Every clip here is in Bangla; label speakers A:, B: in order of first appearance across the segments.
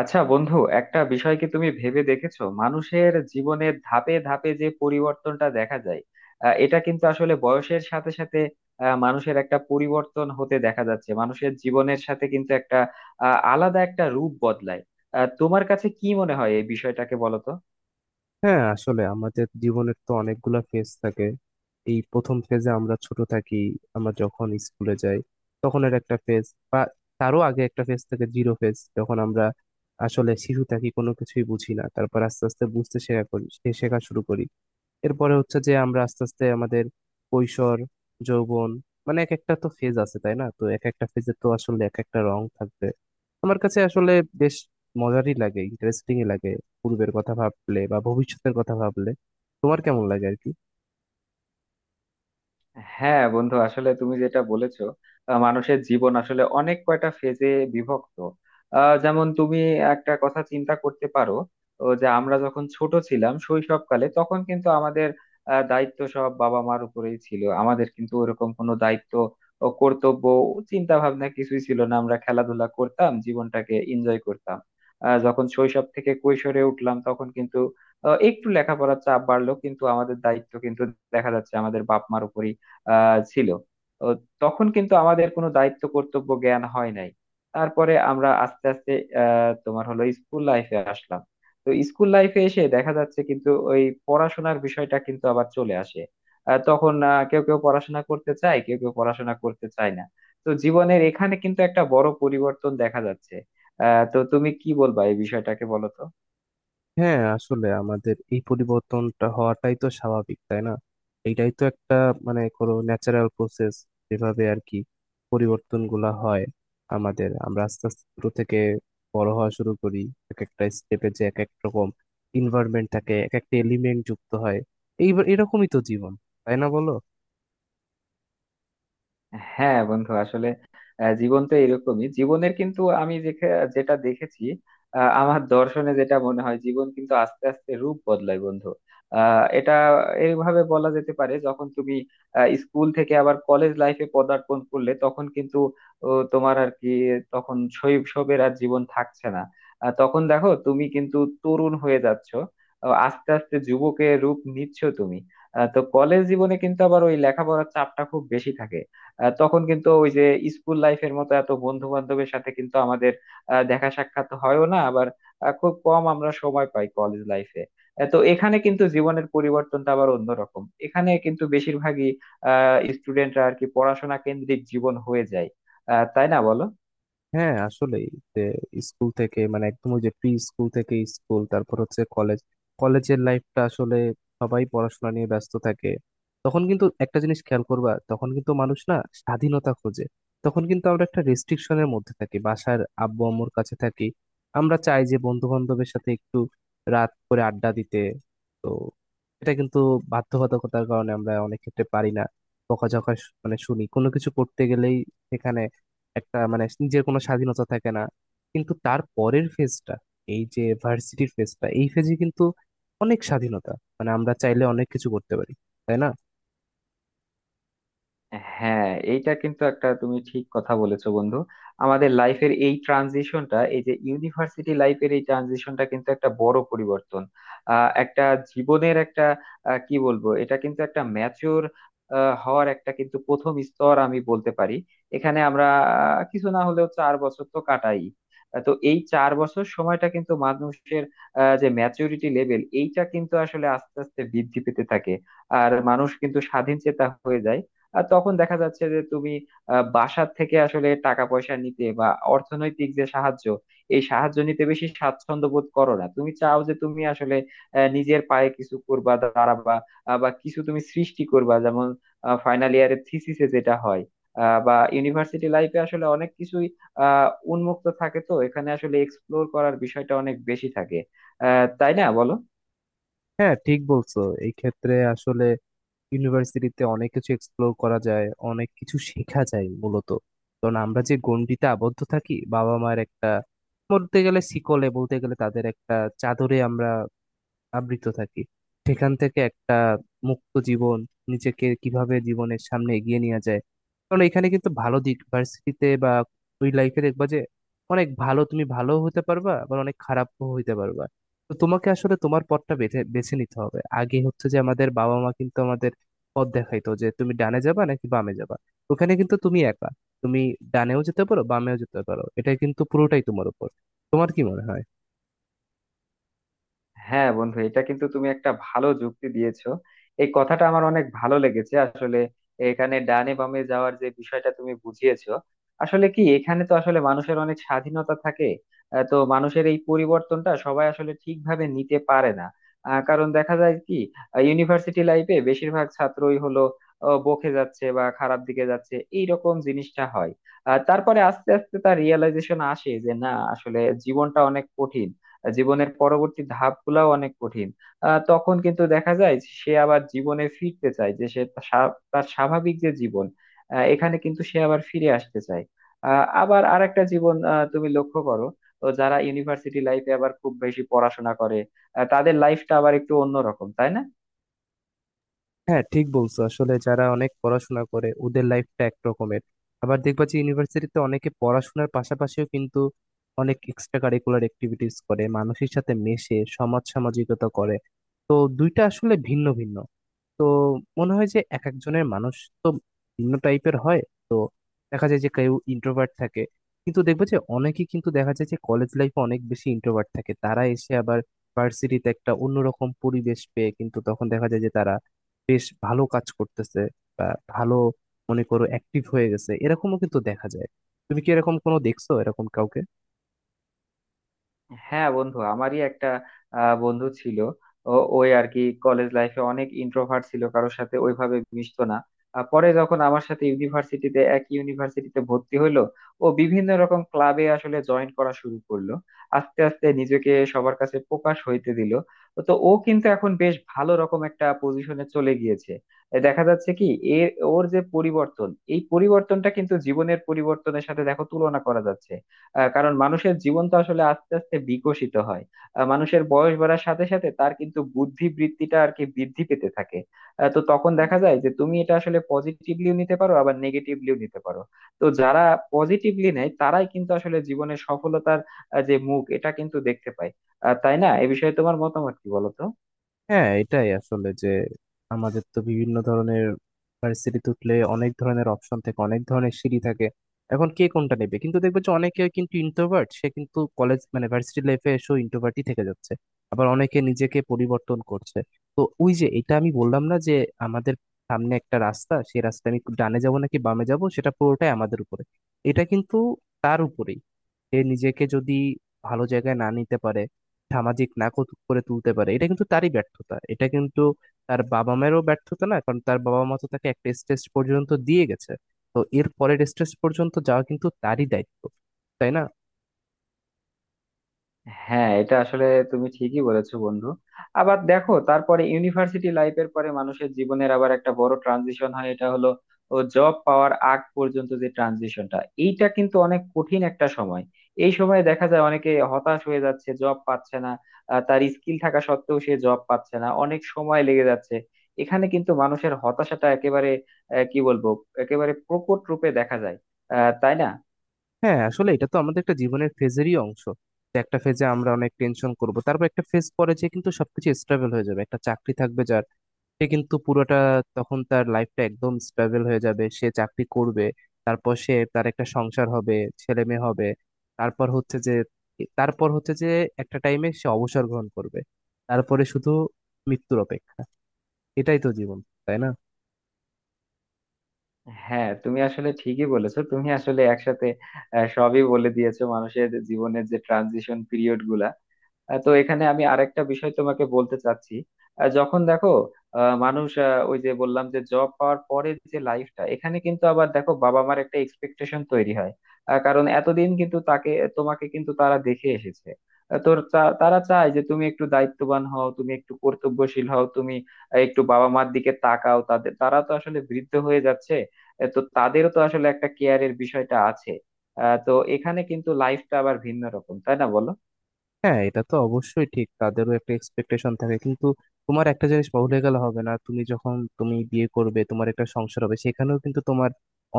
A: আচ্ছা বন্ধু, একটা বিষয় কি তুমি ভেবে দেখেছো, মানুষের জীবনের ধাপে ধাপে যে পরিবর্তনটা দেখা যায়? এটা কিন্তু আসলে বয়সের সাথে সাথে মানুষের একটা পরিবর্তন হতে দেখা যাচ্ছে। মানুষের জীবনের সাথে কিন্তু একটা আলাদা একটা রূপ বদলায়। তোমার কাছে কি মনে হয় এই বিষয়টাকে, বলো তো।
B: হ্যাঁ আসলে আমাদের জীবনের তো অনেকগুলা ফেজ থাকে। এই প্রথম ফেজে আমরা ছোট থাকি, আমরা যখন স্কুলে যাই তখন এর একটা ফেজ। বা তারও আগে একটা ফেজ থাকে জিরো ফেজ, যখন আমরা আসলে শিশু থাকি কোনো কিছুই বুঝি না, তারপর আস্তে আস্তে বুঝতে শেখা করি, শেখা শুরু করি। এরপরে হচ্ছে যে আমরা আস্তে আস্তে আমাদের কৈশোর, যৌবন, মানে এক একটা তো ফেজ আছে, তাই না? তো এক একটা ফেজে তো আসলে এক একটা রং থাকবে। আমার কাছে আসলে বেশ মজারই লাগে, ইন্টারেস্টিংই লাগে পূর্বের কথা ভাবলে বা ভবিষ্যতের কথা ভাবলে। তোমার কেমন লাগে আর কি?
A: হ্যাঁ বন্ধু, আসলে তুমি যেটা বলেছো, মানুষের জীবন আসলে অনেক কয়টা ফেজে বিভক্ত। যেমন তুমি একটা কথা চিন্তা করতে পারো ও, যে আমরা যখন ছোট ছিলাম শৈশবকালে তখন কিন্তু আমাদের দায়িত্ব সব বাবা মার উপরেই ছিল। আমাদের কিন্তু ওরকম কোনো দায়িত্ব ও কর্তব্য চিন্তা ভাবনা কিছুই ছিল না, আমরা খেলাধুলা করতাম, জীবনটাকে এনজয় করতাম। যখন শৈশব থেকে কৈশোরে উঠলাম তখন কিন্তু একটু লেখাপড়ার চাপ বাড়লো, কিন্তু আমাদের দায়িত্ব কিন্তু দেখা যাচ্ছে আমাদের বাপ মার উপরেই ছিল ও। তখন কিন্তু আমাদের কোনো দায়িত্ব কর্তব্য জ্ঞান হয় নাই। তারপরে আমরা আস্তে আস্তে তোমার হলো স্কুল লাইফে আসলাম। তো স্কুল লাইফে এসে দেখা যাচ্ছে কিন্তু ওই পড়াশোনার বিষয়টা কিন্তু আবার চলে আসে। তখন কেউ কেউ পড়াশোনা করতে চায়, কেউ কেউ পড়াশোনা করতে চায় না। তো জীবনের এখানে কিন্তু একটা বড় পরিবর্তন দেখা যাচ্ছে। তো তুমি কি বলবা এই বিষয়টাকে, বলো তো।
B: হ্যাঁ আসলে আমাদের এই পরিবর্তনটা হওয়াটাই তো স্বাভাবিক, তাই না? এইটাই তো একটা মানে কোনো ন্যাচারাল প্রসেস, যেভাবে আর কি পরিবর্তন গুলা হয়। আমাদের, আমরা আস্তে আস্তে ছোট থেকে বড় হওয়া শুরু করি, এক একটা স্টেপে যে এক এক রকম ইনভায়রনমেন্ট থাকে, এক একটা এলিমেন্ট যুক্ত হয়। এইবার এরকমই তো জীবন, তাই না বলো?
A: হ্যাঁ বন্ধু আসলে, জীবন তো এরকমই। জীবনের কিন্তু আমি যেটা দেখেছি, আমার দর্শনে যেটা মনে হয়, জীবন কিন্তু আস্তে আস্তে রূপ বদলায় বন্ধু। এটা এইভাবে বলা যেতে পারে, যখন তুমি স্কুল থেকে আবার কলেজ লাইফে পদার্পণ করলে তখন কিন্তু ও, তোমার আর কি, তখন শৈশবের আর জীবন থাকছে না। তখন দেখো তুমি কিন্তু তরুণ হয়ে যাচ্ছ, আস্তে আস্তে যুবকের রূপ নিচ্ছ তুমি। তো কলেজ জীবনে কিন্তু আবার ওই লেখাপড়ার চাপটা খুব বেশি থাকে। তখন কিন্তু ওই যে স্কুল লাইফের মতো এত বন্ধু বান্ধবের সাথে কিন্তু আমাদের দেখা সাক্ষাৎ হয়ও না। আবার খুব কম আমরা সময় পাই কলেজ লাইফে। তো এখানে কিন্তু জীবনের পরিবর্তনটা আবার অন্যরকম। এখানে কিন্তু বেশিরভাগই স্টুডেন্টরা আর কি পড়াশোনা কেন্দ্রিক জীবন হয়ে যায়। তাই না বলো।
B: হ্যাঁ আসলেই, যে স্কুল থেকে মানে একদম ওই যে প্রি স্কুল থেকে স্কুল, তারপর হচ্ছে কলেজ। কলেজের লাইফটা আসলে সবাই পড়াশোনা নিয়ে ব্যস্ত থাকে। তখন কিন্তু একটা জিনিস খেয়াল করবা, তখন কিন্তু মানুষ না স্বাধীনতা খোঁজে। তখন কিন্তু আমরা একটা রেস্ট্রিকশনের মধ্যে থাকি, বাসার আব্বু আম্মুর কাছে থাকি। আমরা চাই যে বন্ধু বান্ধবের সাথে একটু রাত করে আড্ডা দিতে, তো এটা কিন্তু বাধ্যবাধকতার কারণে আমরা অনেক ক্ষেত্রে পারি না। বকাঝকা মানে শুনি কোনো কিছু করতে গেলেই। সেখানে একটা মানে নিজের কোনো স্বাধীনতা থাকে না। কিন্তু তার পরের ফেজটা, এই যে ভার্সিটির ফেজটা, এই ফেজে কিন্তু অনেক স্বাধীনতা, মানে আমরা চাইলে অনেক কিছু করতে পারি, তাই না?
A: হ্যাঁ, এইটা কিন্তু একটা তুমি ঠিক কথা বলেছো বন্ধু। আমাদের লাইফের এই ট্রানজিশনটা, এই যে ইউনিভার্সিটি লাইফের এই ট্রানজিশনটা কিন্তু একটা বড় পরিবর্তন। একটা জীবনের একটা কি বলবো, এটা কিন্তু একটা ম্যাচিওর হওয়ার একটা কিন্তু প্রথম স্তর আমি বলতে পারি। এখানে আমরা কিছু না হলেও 4 বছর তো কাটাই। তো এই 4 বছর সময়টা কিন্তু মানুষের যে ম্যাচুরিটি লেভেল, এইটা কিন্তু আসলে আস্তে আস্তে বৃদ্ধি পেতে থাকে। আর মানুষ কিন্তু স্বাধীন চেতা হয়ে যায়। আর তখন দেখা যাচ্ছে যে তুমি বাসার থেকে আসলে টাকা পয়সা নিতে বা অর্থনৈতিক যে সাহায্য, এই সাহায্য নিতে বেশি স্বাচ্ছন্দ্য বোধ করো না। তুমি চাও যে তুমি আসলে নিজের পায়ে কিছু করবা, দাঁড়াবা, বা কিছু তুমি সৃষ্টি করবা, যেমন ফাইনাল ইয়ারের থিসিসে যেটা হয়। বা ইউনিভার্সিটি লাইফে আসলে অনেক কিছুই আহ উন্মুক্ত থাকে। তো এখানে আসলে এক্সপ্লোর করার বিষয়টা অনেক বেশি থাকে। তাই না বলো।
B: হ্যাঁ ঠিক বলছো। এই ক্ষেত্রে আসলে ইউনিভার্সিটিতে অনেক কিছু এক্সপ্লোর করা যায়, অনেক কিছু শেখা যায় মূলত, কারণ আমরা যে গণ্ডিতে আবদ্ধ থাকি বাবা মার একটা, বলতে গেলে শিকলে, বলতে গেলে তাদের একটা চাদরে আমরা আবৃত থাকি, সেখান থেকে একটা মুক্ত জীবন, নিজেকে কিভাবে জীবনের সামনে এগিয়ে নিয়ে যায়। কারণ এখানে কিন্তু ভালো দিক ভার্সিটিতে বা ওই লাইফে দেখবা যে অনেক ভালো তুমি ভালো হতে পারবা, আবার অনেক খারাপও হইতে পারবা। তো তোমাকে আসলে তোমার পথটা বেছে বেছে নিতে হবে। আগে হচ্ছে যে আমাদের বাবা মা কিন্তু আমাদের পথ দেখাইতো, যে তুমি ডানে যাবা নাকি বামে যাবা। ওখানে কিন্তু তুমি একা, তুমি ডানেও যেতে পারো, বামেও যেতে পারো, এটা কিন্তু পুরোটাই তোমার উপর। তোমার কি মনে হয়?
A: হ্যাঁ বন্ধু, এটা কিন্তু তুমি একটা ভালো যুক্তি দিয়েছো, এই কথাটা আমার অনেক ভালো লেগেছে। আসলে এখানে ডানে বামে যাওয়ার যে বিষয়টা তুমি বুঝিয়েছো, আসলে কি, এখানে তো আসলে মানুষের অনেক স্বাধীনতা থাকে। তো মানুষের এই পরিবর্তনটা সবাই আসলে ঠিকভাবে নিতে পারে না। কারণ দেখা যায় কি, ইউনিভার্সিটি লাইফে বেশিরভাগ ছাত্রই হলো বকে যাচ্ছে বা খারাপ দিকে যাচ্ছে, এইরকম জিনিসটা হয়। তারপরে আস্তে আস্তে তার রিয়েলাইজেশন আসে যে না, আসলে জীবনটা অনেক কঠিন, জীবনের পরবর্তী ধাপগুলাও অনেক কঠিন। তখন কিন্তু দেখা যায় যে সে আবার জীবনে ফিরতে চায়, যে সে তার তার স্বাভাবিক যে জীবন, এখানে কিন্তু সে আবার ফিরে আসতে চায়। আবার আরেকটা জীবন, তুমি লক্ষ্য করো। তো যারা ইউনিভার্সিটি লাইফে আবার খুব বেশি পড়াশোনা করে, তাদের লাইফটা আবার একটু অন্যরকম, তাই না?
B: হ্যাঁ ঠিক বলছো, আসলে যারা অনেক পড়াশোনা করে ওদের লাইফটা একরকমের। আবার দেখবা যে ইউনিভার্সিটিতে অনেকে পড়াশোনার পাশাপাশিও কিন্তু অনেক এক্সট্রা কারিকুলার অ্যাক্টিভিটিস করে, মানুষের সাথে মেশে, সমাজ সামাজিকতা করে। তো দুইটা আসলে ভিন্ন ভিন্ন। তো মনে হয় যে এক একজনের মানুষ তো ভিন্ন টাইপের হয়। দেখা যায় যে কেউ ইন্ট্রোভার্ট থাকে, কিন্তু দেখবে যে অনেকেই কিন্তু দেখা যায় যে কলেজ লাইফে অনেক বেশি ইন্ট্রোভার্ট থাকে, তারা এসে আবার ভার্সিটিতে একটা অন্যরকম পরিবেশ পেয়ে কিন্তু তখন দেখা যায় যে তারা বেশ ভালো কাজ করতেছে, বা ভালো, মনে করো অ্যাক্টিভ হয়ে গেছে, এরকমও কিন্তু দেখা যায়। তুমি কি এরকম কোনো দেখছো, এরকম কাউকে?
A: হ্যাঁ বন্ধু, আমারই একটা বন্ধু ছিল। ওই আর কি, কলেজ লাইফে অনেক ইন্ট্রোভার্ট ছিল, কারোর সাথে ওইভাবে মিশতো না। পরে যখন আমার সাথে ইউনিভার্সিটিতে, এক ইউনিভার্সিটিতে ভর্তি হইলো, ও বিভিন্ন রকম ক্লাবে আসলে জয়েন করা শুরু করলো, আস্তে আস্তে নিজেকে সবার কাছে প্রকাশ হইতে দিল। তো ও কিন্তু এখন বেশ ভালো রকম একটা পজিশনে চলে গিয়েছে। এ দেখা যাচ্ছে কি, এর ওর যে পরিবর্তন, এই পরিবর্তনটা কিন্তু জীবনের পরিবর্তনের সাথে দেখো তুলনা করা যাচ্ছে। কারণ মানুষের জীবন তো আসলে আস্তে আস্তে বিকশিত হয়। মানুষের বয়স বাড়ার সাথে সাথে তার কিন্তু বুদ্ধি বৃত্তিটা আর কি বৃদ্ধি পেতে থাকে। তো তখন দেখা যায় যে তুমি এটা আসলে পজিটিভলিও নিতে পারো, আবার নেগেটিভলিও নিতে পারো। তো যারা পজিটিভলি নেয় তারাই কিন্তু আসলে জীবনের সফলতার যে মুখ, এটা কিন্তু দেখতে পায়। তাই না, এ বিষয়ে তোমার মতামত কি, বলো তো।
B: হ্যাঁ এটাই আসলে যে আমাদের তো বিভিন্ন ধরনের, ভার্সিটিতে উঠলে অনেক ধরনের অপশন থাকে, অনেক ধরনের সিঁড়ি থাকে। এখন কে কোনটা নেবে, কিন্তু দেখবে যে অনেকে কিন্তু ইন্ট্রোভার্ট, সে কিন্তু কলেজ মানে ভার্সিটি লাইফে এসেও ইন্ট্রোভার্টই থেকে যাচ্ছে। আবার অনেকে নিজেকে পরিবর্তন করছে। তো ওই যে এটা আমি বললাম না যে আমাদের সামনে একটা রাস্তা, সেই রাস্তা আমি ডানে যাব নাকি বামে যাব সেটা পুরোটাই আমাদের উপরে। এটা কিন্তু তার উপরেই, সে নিজেকে যদি ভালো জায়গায় না নিতে পারে, সামাজিক না করে তুলতে পারে, এটা কিন্তু তারই ব্যর্থতা, এটা কিন্তু তার বাবা মায়েরও ব্যর্থতা না, কারণ তার বাবা মা তো তাকে একটা স্টেজ পর্যন্ত দিয়ে গেছে। তো এর পরের স্টেজ পর্যন্ত যাওয়া কিন্তু তারই দায়িত্ব, তাই না?
A: হ্যাঁ এটা আসলে তুমি ঠিকই বলেছো বন্ধু। আবার দেখো, তারপরে ইউনিভার্সিটি লাইফের পরে মানুষের জীবনের আবার একটা বড় ট্রানজিশন হয়, এটা হলো ও জব পাওয়ার আগ পর্যন্ত যে ট্রানজিশনটা, এইটা কিন্তু অনেক কঠিন একটা সময়। এই সময়ে দেখা যায় অনেকে হতাশ হয়ে যাচ্ছে, জব পাচ্ছে না। তার স্কিল থাকা সত্ত্বেও সে জব পাচ্ছে না, অনেক সময় লেগে যাচ্ছে। এখানে কিন্তু মানুষের হতাশাটা একেবারে কি বলবো, একেবারে প্রকট রূপে দেখা যায়। তাই না?
B: হ্যাঁ আসলে এটা তো আমাদের একটা জীবনের ফেজেরই অংশ, যে একটা ফেজে আমরা অনেক টেনশন করব, তারপর একটা ফেজ পরে যে কিন্তু সবকিছু স্টেবল হয়ে যাবে, একটা চাকরি থাকবে যার, সে কিন্তু পুরোটা, তখন তার লাইফটা একদম স্টেবল হয়ে যাবে, সে চাকরি করবে। তারপর সে তার একটা সংসার হবে, ছেলে মেয়ে হবে, তারপর হচ্ছে যে তারপর হচ্ছে যে একটা টাইমে সে অবসর গ্রহণ করবে। তারপরে শুধু মৃত্যুর অপেক্ষা। এটাই তো জীবন, তাই না?
A: হ্যাঁ তুমি আসলে ঠিকই বলেছো, তুমি আসলে একসাথে সবই বলে দিয়েছো মানুষের জীবনের যে ট্রানজিশন পিরিয়ড গুলা। তো এখানে আমি আরেকটা বিষয় তোমাকে বলতে চাচ্ছি। যখন দেখো মানুষ, ওই যে বললাম যে জব পাওয়ার পরে যে লাইফটা, এখানে কিন্তু আবার দেখো বাবা মার একটা এক্সপেকটেশন তৈরি হয়। কারণ এতদিন কিন্তু তাকে, তোমাকে কিন্তু তারা দেখে এসেছে। তো তারা চায় যে তুমি একটু দায়িত্ববান হও, তুমি একটু কর্তব্যশীল হও, তুমি একটু বাবা মার দিকে তাকাও। তাদের তারা তো আসলে বৃদ্ধ হয়ে যাচ্ছে, তো তাদেরও তো আসলে একটা কেয়ারের বিষয়টা আছে। তো এখানে কিন্তু লাইফটা আবার ভিন্ন রকম, তাই না বলো।
B: হ্যাঁ এটা তো অবশ্যই ঠিক, তাদেরও একটা এক্সপেকটেশন থাকে, কিন্তু তোমার একটা জিনিস ভুলে গেলে হবে না, তুমি যখন বিয়ে করবে, তোমার একটা সংসার হবে, সেখানেও কিন্তু তোমার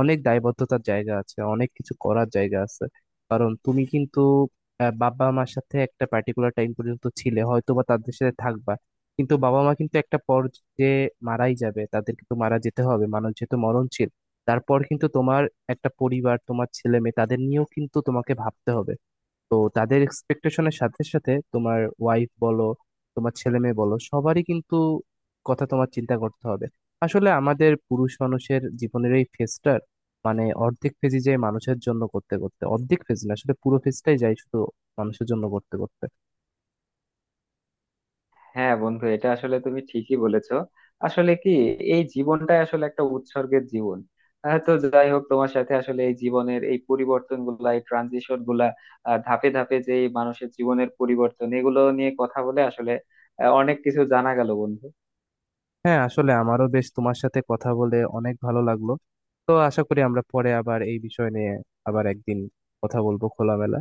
B: অনেক দায়বদ্ধতার জায়গা আছে, অনেক কিছু করার জায়গা আছে। কারণ তুমি কিন্তু বাবা মার সাথে একটা পার্টিকুলার টাইম পর্যন্ত ছিলে, হয়তো বা তাদের সাথে থাকবা, কিন্তু বাবা মা কিন্তু একটা পর্যায়ে মারাই যাবে, তাদের কিন্তু মারা যেতে হবে, মানুষ যেহেতু মরণশীল। তারপর কিন্তু তোমার একটা পরিবার, তোমার ছেলে মেয়ে, তাদের নিয়েও কিন্তু তোমাকে ভাবতে হবে। তো তাদের এক্সপেকটেশনের সাথে সাথে তোমার ওয়াইফ বলো, তোমার ছেলে মেয়ে বলো, সবারই কিন্তু কথা তোমার চিন্তা করতে হবে। আসলে আমাদের পুরুষ মানুষের জীবনের এই ফেজটার মানে অর্ধেক ফেজই যায় মানুষের জন্য করতে করতে, অর্ধেক ফেজ না আসলে পুরো ফেজটাই যায় শুধু মানুষের জন্য করতে করতে।
A: হ্যাঁ বন্ধু, এটা আসলে তুমি ঠিকই বলেছো। আসলে কি, এই জীবনটাই আসলে একটা উৎসর্গের জীবন। তো যাই হোক, তোমার সাথে আসলে এই জীবনের এই পরিবর্তন গুলা, এই ট্রানজিশন গুলা, ধাপে ধাপে যে এই মানুষের জীবনের পরিবর্তন, এগুলো নিয়ে কথা বলে আসলে অনেক কিছু জানা গেল বন্ধু।
B: হ্যাঁ আসলে আমারও বেশ তোমার সাথে কথা বলে অনেক ভালো লাগলো। তো আশা করি আমরা পরে আবার এই বিষয় নিয়ে, আবার একদিন কথা বলবো খোলামেলা।